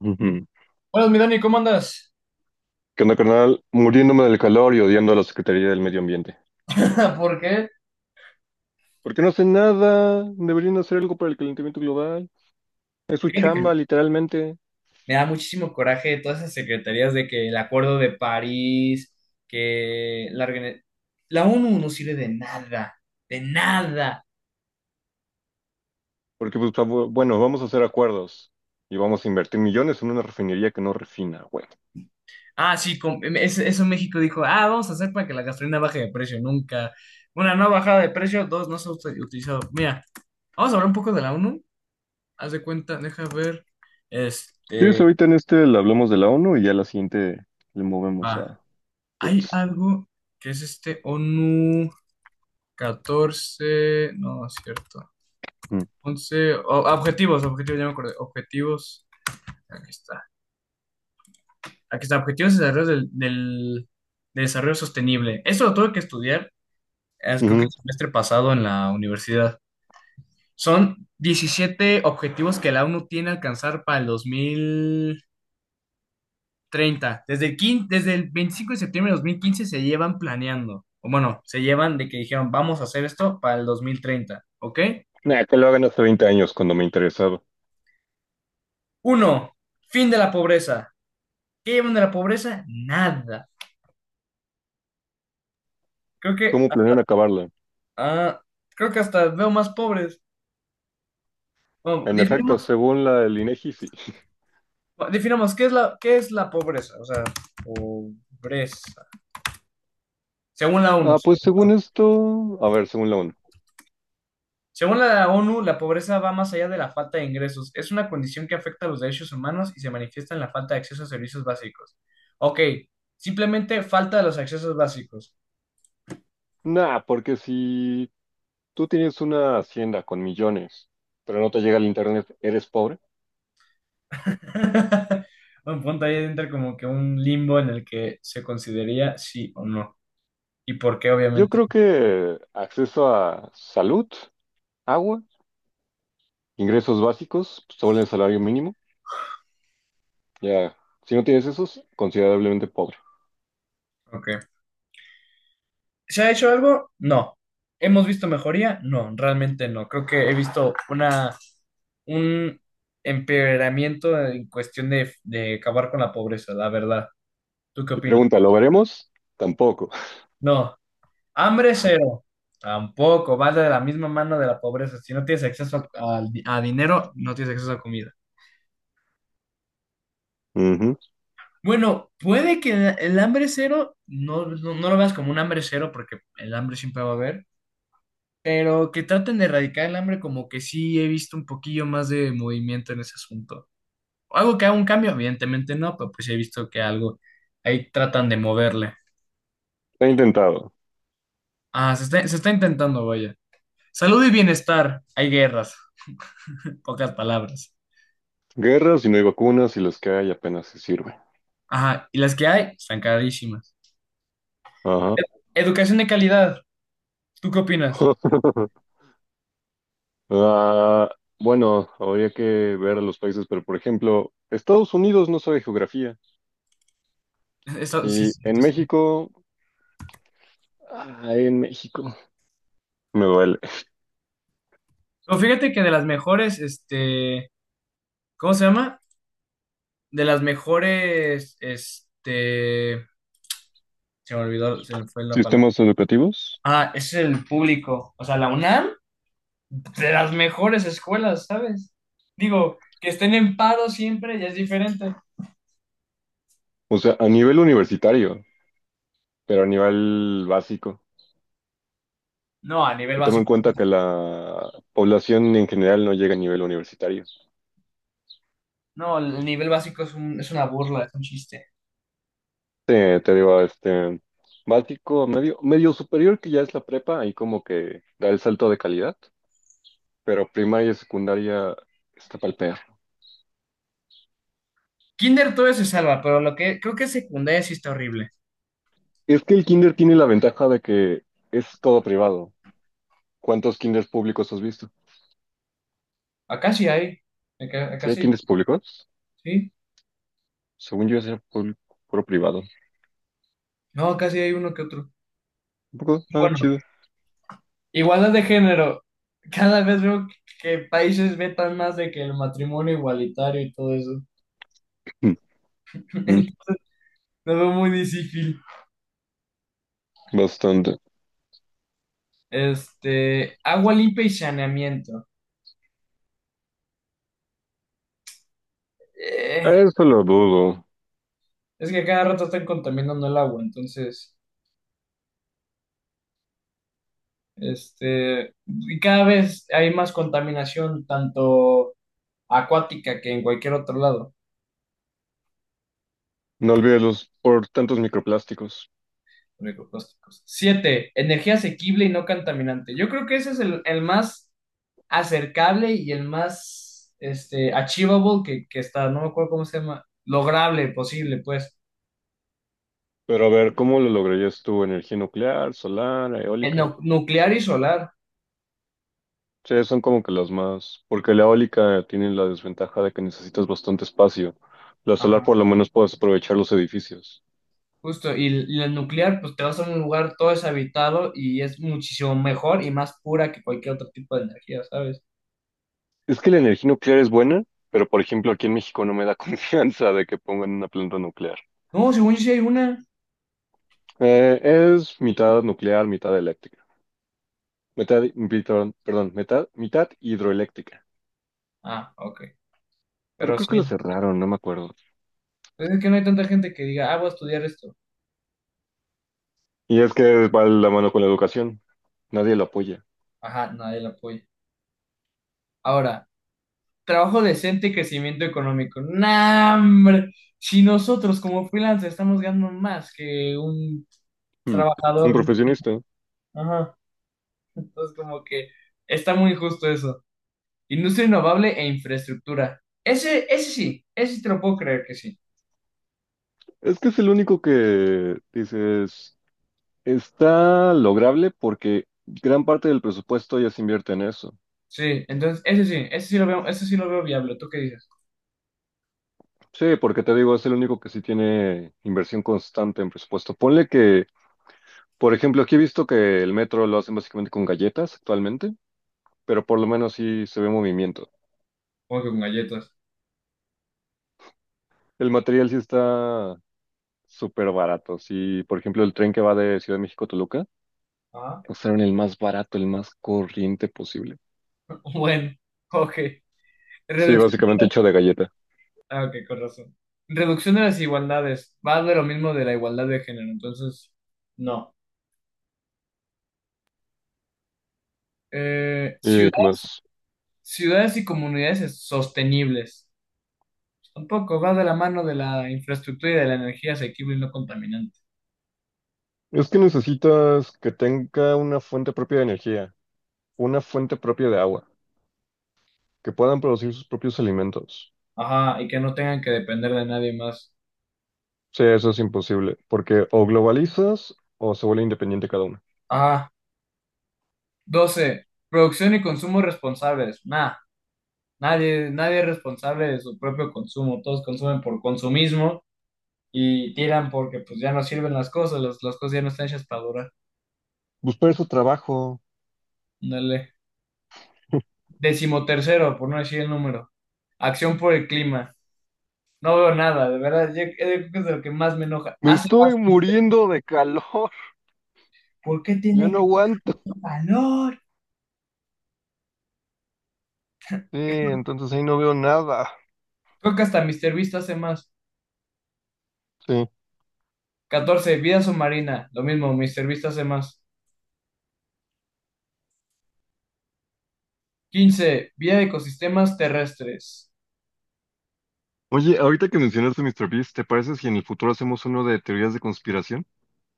Ujú. Buenas, mi Dani, ¿cómo andas? ¿Qué onda, carnal? Muriéndome del calor y odiando a la Secretaría del Medio Ambiente. ¿Por qué? ¿Por qué no hacen nada? Deberían hacer algo para el calentamiento global. Es su Fíjate que me chamba, literalmente. me da muchísimo coraje todas esas secretarías de que el Acuerdo de París, que la, organi- la ONU no sirve de nada, de nada. Porque, pues, bueno, vamos a hacer acuerdos y vamos a invertir millones en una refinería que no refina, güey. Ah, sí, eso México dijo, ah, vamos a hacer para que la gasolina baje de precio, nunca. Una, no bajada de precio, dos, no se ha utilizado. Mira, vamos a hablar un poco de la ONU. Haz de cuenta, deja ver, ¿Quieres este, ahorita en este le hablamos de la ONU y ya la siguiente le movemos ah, a hay Gates? algo que es este ONU. 14 no, no es cierto. Mm. Objetivos, objetivos, ya me acordé. Objetivos, aquí está. Aquí está, objetivos de desarrollo de desarrollo sostenible. Eso lo tuve que estudiar, es, creo que Ujú. el semestre pasado en la universidad. Son 17 objetivos que la ONU tiene a alcanzar para el 2030. Desde el 25 de septiembre de 2015 se llevan planeando. O bueno, se llevan de que dijeron, vamos a hacer esto para el 2030, ¿ok? Nah, que lo hagan hace 20 años cuando me interesaba. Uno, fin de la pobreza. ¿Qué llevan de la pobreza? Nada. Creo que ¿Cómo hasta, planean acabarla? ah, creo que hasta veo más pobres. Bueno, En efecto, definamos, según la del INEGI, sí. definamos qué es la pobreza. O sea, pobreza. Según la ONU. Ah, Sí. pues según esto, a ver, según la ONU. Según la ONU, la pobreza va más allá de la falta de ingresos. Es una condición que afecta a los derechos humanos y se manifiesta en la falta de acceso a servicios básicos. Ok, simplemente falta de los accesos básicos. Nah, porque si tú tienes una hacienda con millones, pero no te llega el internet, eres pobre. Un punto ahí entra como que un limbo en el que se consideraría sí o no. Y por qué, Yo obviamente. creo que acceso a salud, agua, ingresos básicos sobre el salario mínimo, ya, si no tienes esos, considerablemente pobre. Ok. ¿Se ha hecho algo? No. ¿Hemos visto mejoría? No, realmente no. Creo que he visto una, un empeoramiento en cuestión de acabar con la pobreza, la verdad. ¿Tú qué Y opinas? pregunta, ¿lo veremos? Tampoco. No. Hambre cero. Tampoco. Va de la misma mano de la pobreza. Si no tienes acceso a, a dinero, no tienes acceso a comida. Ujú. Bueno, puede que el hambre cero no, no, no lo veas como un hambre cero porque el hambre siempre va a haber, pero que traten de erradicar el hambre, como que sí he visto un poquillo más de movimiento en ese asunto. Algo que haga un cambio, evidentemente no, pero pues he visto que algo ahí tratan de moverle. He intentado. Ah, se está intentando, vaya. Salud y bienestar, hay guerras, pocas palabras. Guerras y no hay vacunas y las que hay apenas se sirven. Ajá, y las que hay están carísimas. Ajá. Ed- Educación de calidad, ¿tú qué opinas? Ah, bueno, habría que ver a los países, pero por ejemplo, Estados Unidos no sabe geografía. Eso, sí, Y sí, en esto es- México, ay, en México, me duele. Pero fíjate que de las mejores, este, ¿cómo se llama? De las mejores, este, se me olvidó, se me fue la palabra. Sistemas educativos, Ah, es el público. O sea, la UNAM, de las mejores escuelas, ¿sabes? Digo, que estén en paro siempre ya es diferente. o sea, a nivel universitario, pero a nivel básico. No, a nivel Y toma en básico. cuenta que la población en general no llega a nivel universitario. No, el nivel básico es un- es una burla, es un chiste. Te digo, este, básico, medio, medio superior, que ya es la prepa, ahí como que da el salto de calidad, pero primaria y secundaria está pa'l perro. Kinder todo se salva, pero lo que creo que secundaria sí está horrible. Es que el kinder tiene la ventaja de que es todo privado. ¿Cuántos kinders públicos has visto? Acá sí hay. Acá, acá ¿Sí hay sí. kinders públicos? Sí. Según yo, era puro privado. No, acá sí hay uno que otro. Un poco, ah, Bueno, chido. igualdad de género. Cada vez veo que países vetan más de que el matrimonio igualitario y todo eso. Mm, mm, Entonces, lo veo muy difícil. bastante. Este, agua limpia y saneamiento. Eh, Eso lo dudo. es que cada rato están contaminando el agua, entonces, este, y cada vez hay más contaminación, tanto acuática que en cualquier otro lado. No olvides los por tantos microplásticos. Microplásticos. 7, energía asequible y no contaminante. Yo creo que ese es el más acercable y el más este, achievable que está, no me acuerdo cómo se llama, lograble, posible, pues. Pero a ver, ¿cómo lo lograrías tú? ¿Energía nuclear, solar, El eólica? Nuclear y solar. Sí, son como que las más. Porque la eólica tiene la desventaja de que necesitas bastante espacio. La solar Ajá. por lo menos puedes aprovechar los edificios. Justo, y y la nuclear, pues te vas a un lugar todo deshabitado y es muchísimo mejor y más pura que cualquier otro tipo de energía, ¿sabes? Es que la energía nuclear es buena, pero por ejemplo aquí en México no me da confianza de que pongan una planta nuclear. No, según yo sí hay una. Es mitad nuclear, mitad eléctrica. Metad, pitón, perdón, metad- mitad hidroeléctrica. Ah, ok. Pero Pero creo sí, que lo cerraron, no me acuerdo. pues es que no hay tanta gente que diga, ah, voy a estudiar esto. Y es que va la mano con la educación. Nadie lo apoya. Ajá, nadie la apoya. Ahora, trabajo decente y crecimiento económico. ¡Nah, hombre! Si nosotros como freelancers estamos ganando más que un Hmm. Un trabajador, profesionista. ajá, entonces como que está muy injusto eso. Industria innovable e infraestructura. Ese, ese sí te lo puedo creer que sí. Es que es el único que dices, está lograble porque gran parte del presupuesto ya se invierte en eso. Sí, entonces ese sí lo veo, ese sí lo veo viable. ¿Tú qué dices? Sí, porque te digo, es el único que sí tiene inversión constante en presupuesto. Ponle que, por ejemplo, aquí he visto que el metro lo hacen básicamente con galletas actualmente, pero por lo menos sí se ve movimiento. Como que con galletas. El material sí está súper baratos. Y, por ejemplo, el tren que va de Ciudad de México a Toluca, Ah, usaron el más barato, el más corriente posible. bueno, ok. Sí, Reducción. básicamente hecho de galleta. Ah, ok, con razón. Reducción de las desigualdades. Va de lo mismo de la igualdad de género, entonces, no. ¿Y qué Ciudades, más? ciudades y comunidades sostenibles. Tampoco va de la mano de la infraestructura y de la energía asequible y no contaminante. Es que necesitas que tenga una fuente propia de energía, una fuente propia de agua, que puedan producir sus propios alimentos. Ajá, y que no tengan que depender de nadie más. Sí, eso es imposible, porque o globalizas o se vuelve independiente cada uno. Ajá. 12, producción y consumo responsables. Nah, nadie, nadie es responsable de su propio consumo. Todos consumen por consumismo y tiran porque pues ya no sirven las cosas ya no están hechas para durar. Buscar su trabajo. Dale. Decimotercero, por no decir el número. Acción por el clima. No veo nada, de verdad, yo- creo que es de lo que más me enoja. Me Hace estoy más, Mr. muriendo de calor, ¿Por qué ya tiene no que hacer aguanto. calor? Sí, entonces ahí no veo nada. Creo que hasta Mister Beast hace más. Sí. 14, vida submarina. Lo mismo, Mister Beast hace más. 15, vía ecosistemas terrestres. Oye, ahorita que mencionas a mister Beast, ¿te parece si en el futuro hacemos uno de teorías de conspiración?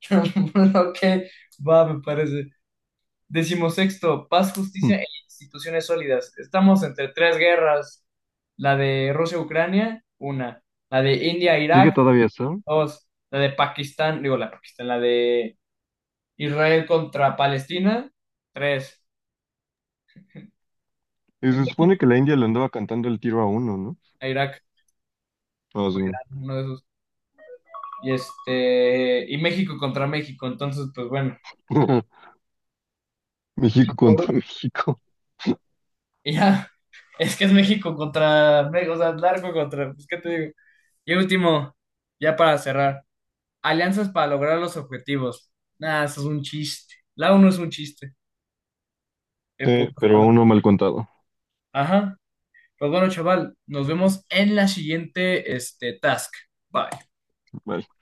Ok, va, me parece. Decimosexto, paz, Hmm. justicia e instituciones sólidas. Estamos entre tres guerras. La de Rusia-Ucrania, una. La de Sigue India-Irak, todavía eso. dos. La de Pakistán, digo, la de Pakistán, la de Israel contra Palestina, tres. Y En se supone México, que la India le andaba cantando el tiro a uno, ¿no? Irak, Ah, o sí. Irán, uno de esos. Y este, y México contra México. Entonces, pues bueno. México contra México. Y ya, es que es México contra, o sea, largo contra, pues, ¿qué te digo? Y último, ya para cerrar, alianzas para lograr los objetivos. Nah, eso es un chiste. La uno es un chiste, en Sí, pocas pero a palabras. uno mal contado. Ajá. Pues bueno, chaval, nos vemos en la siguiente, este, task. Bye. Vale.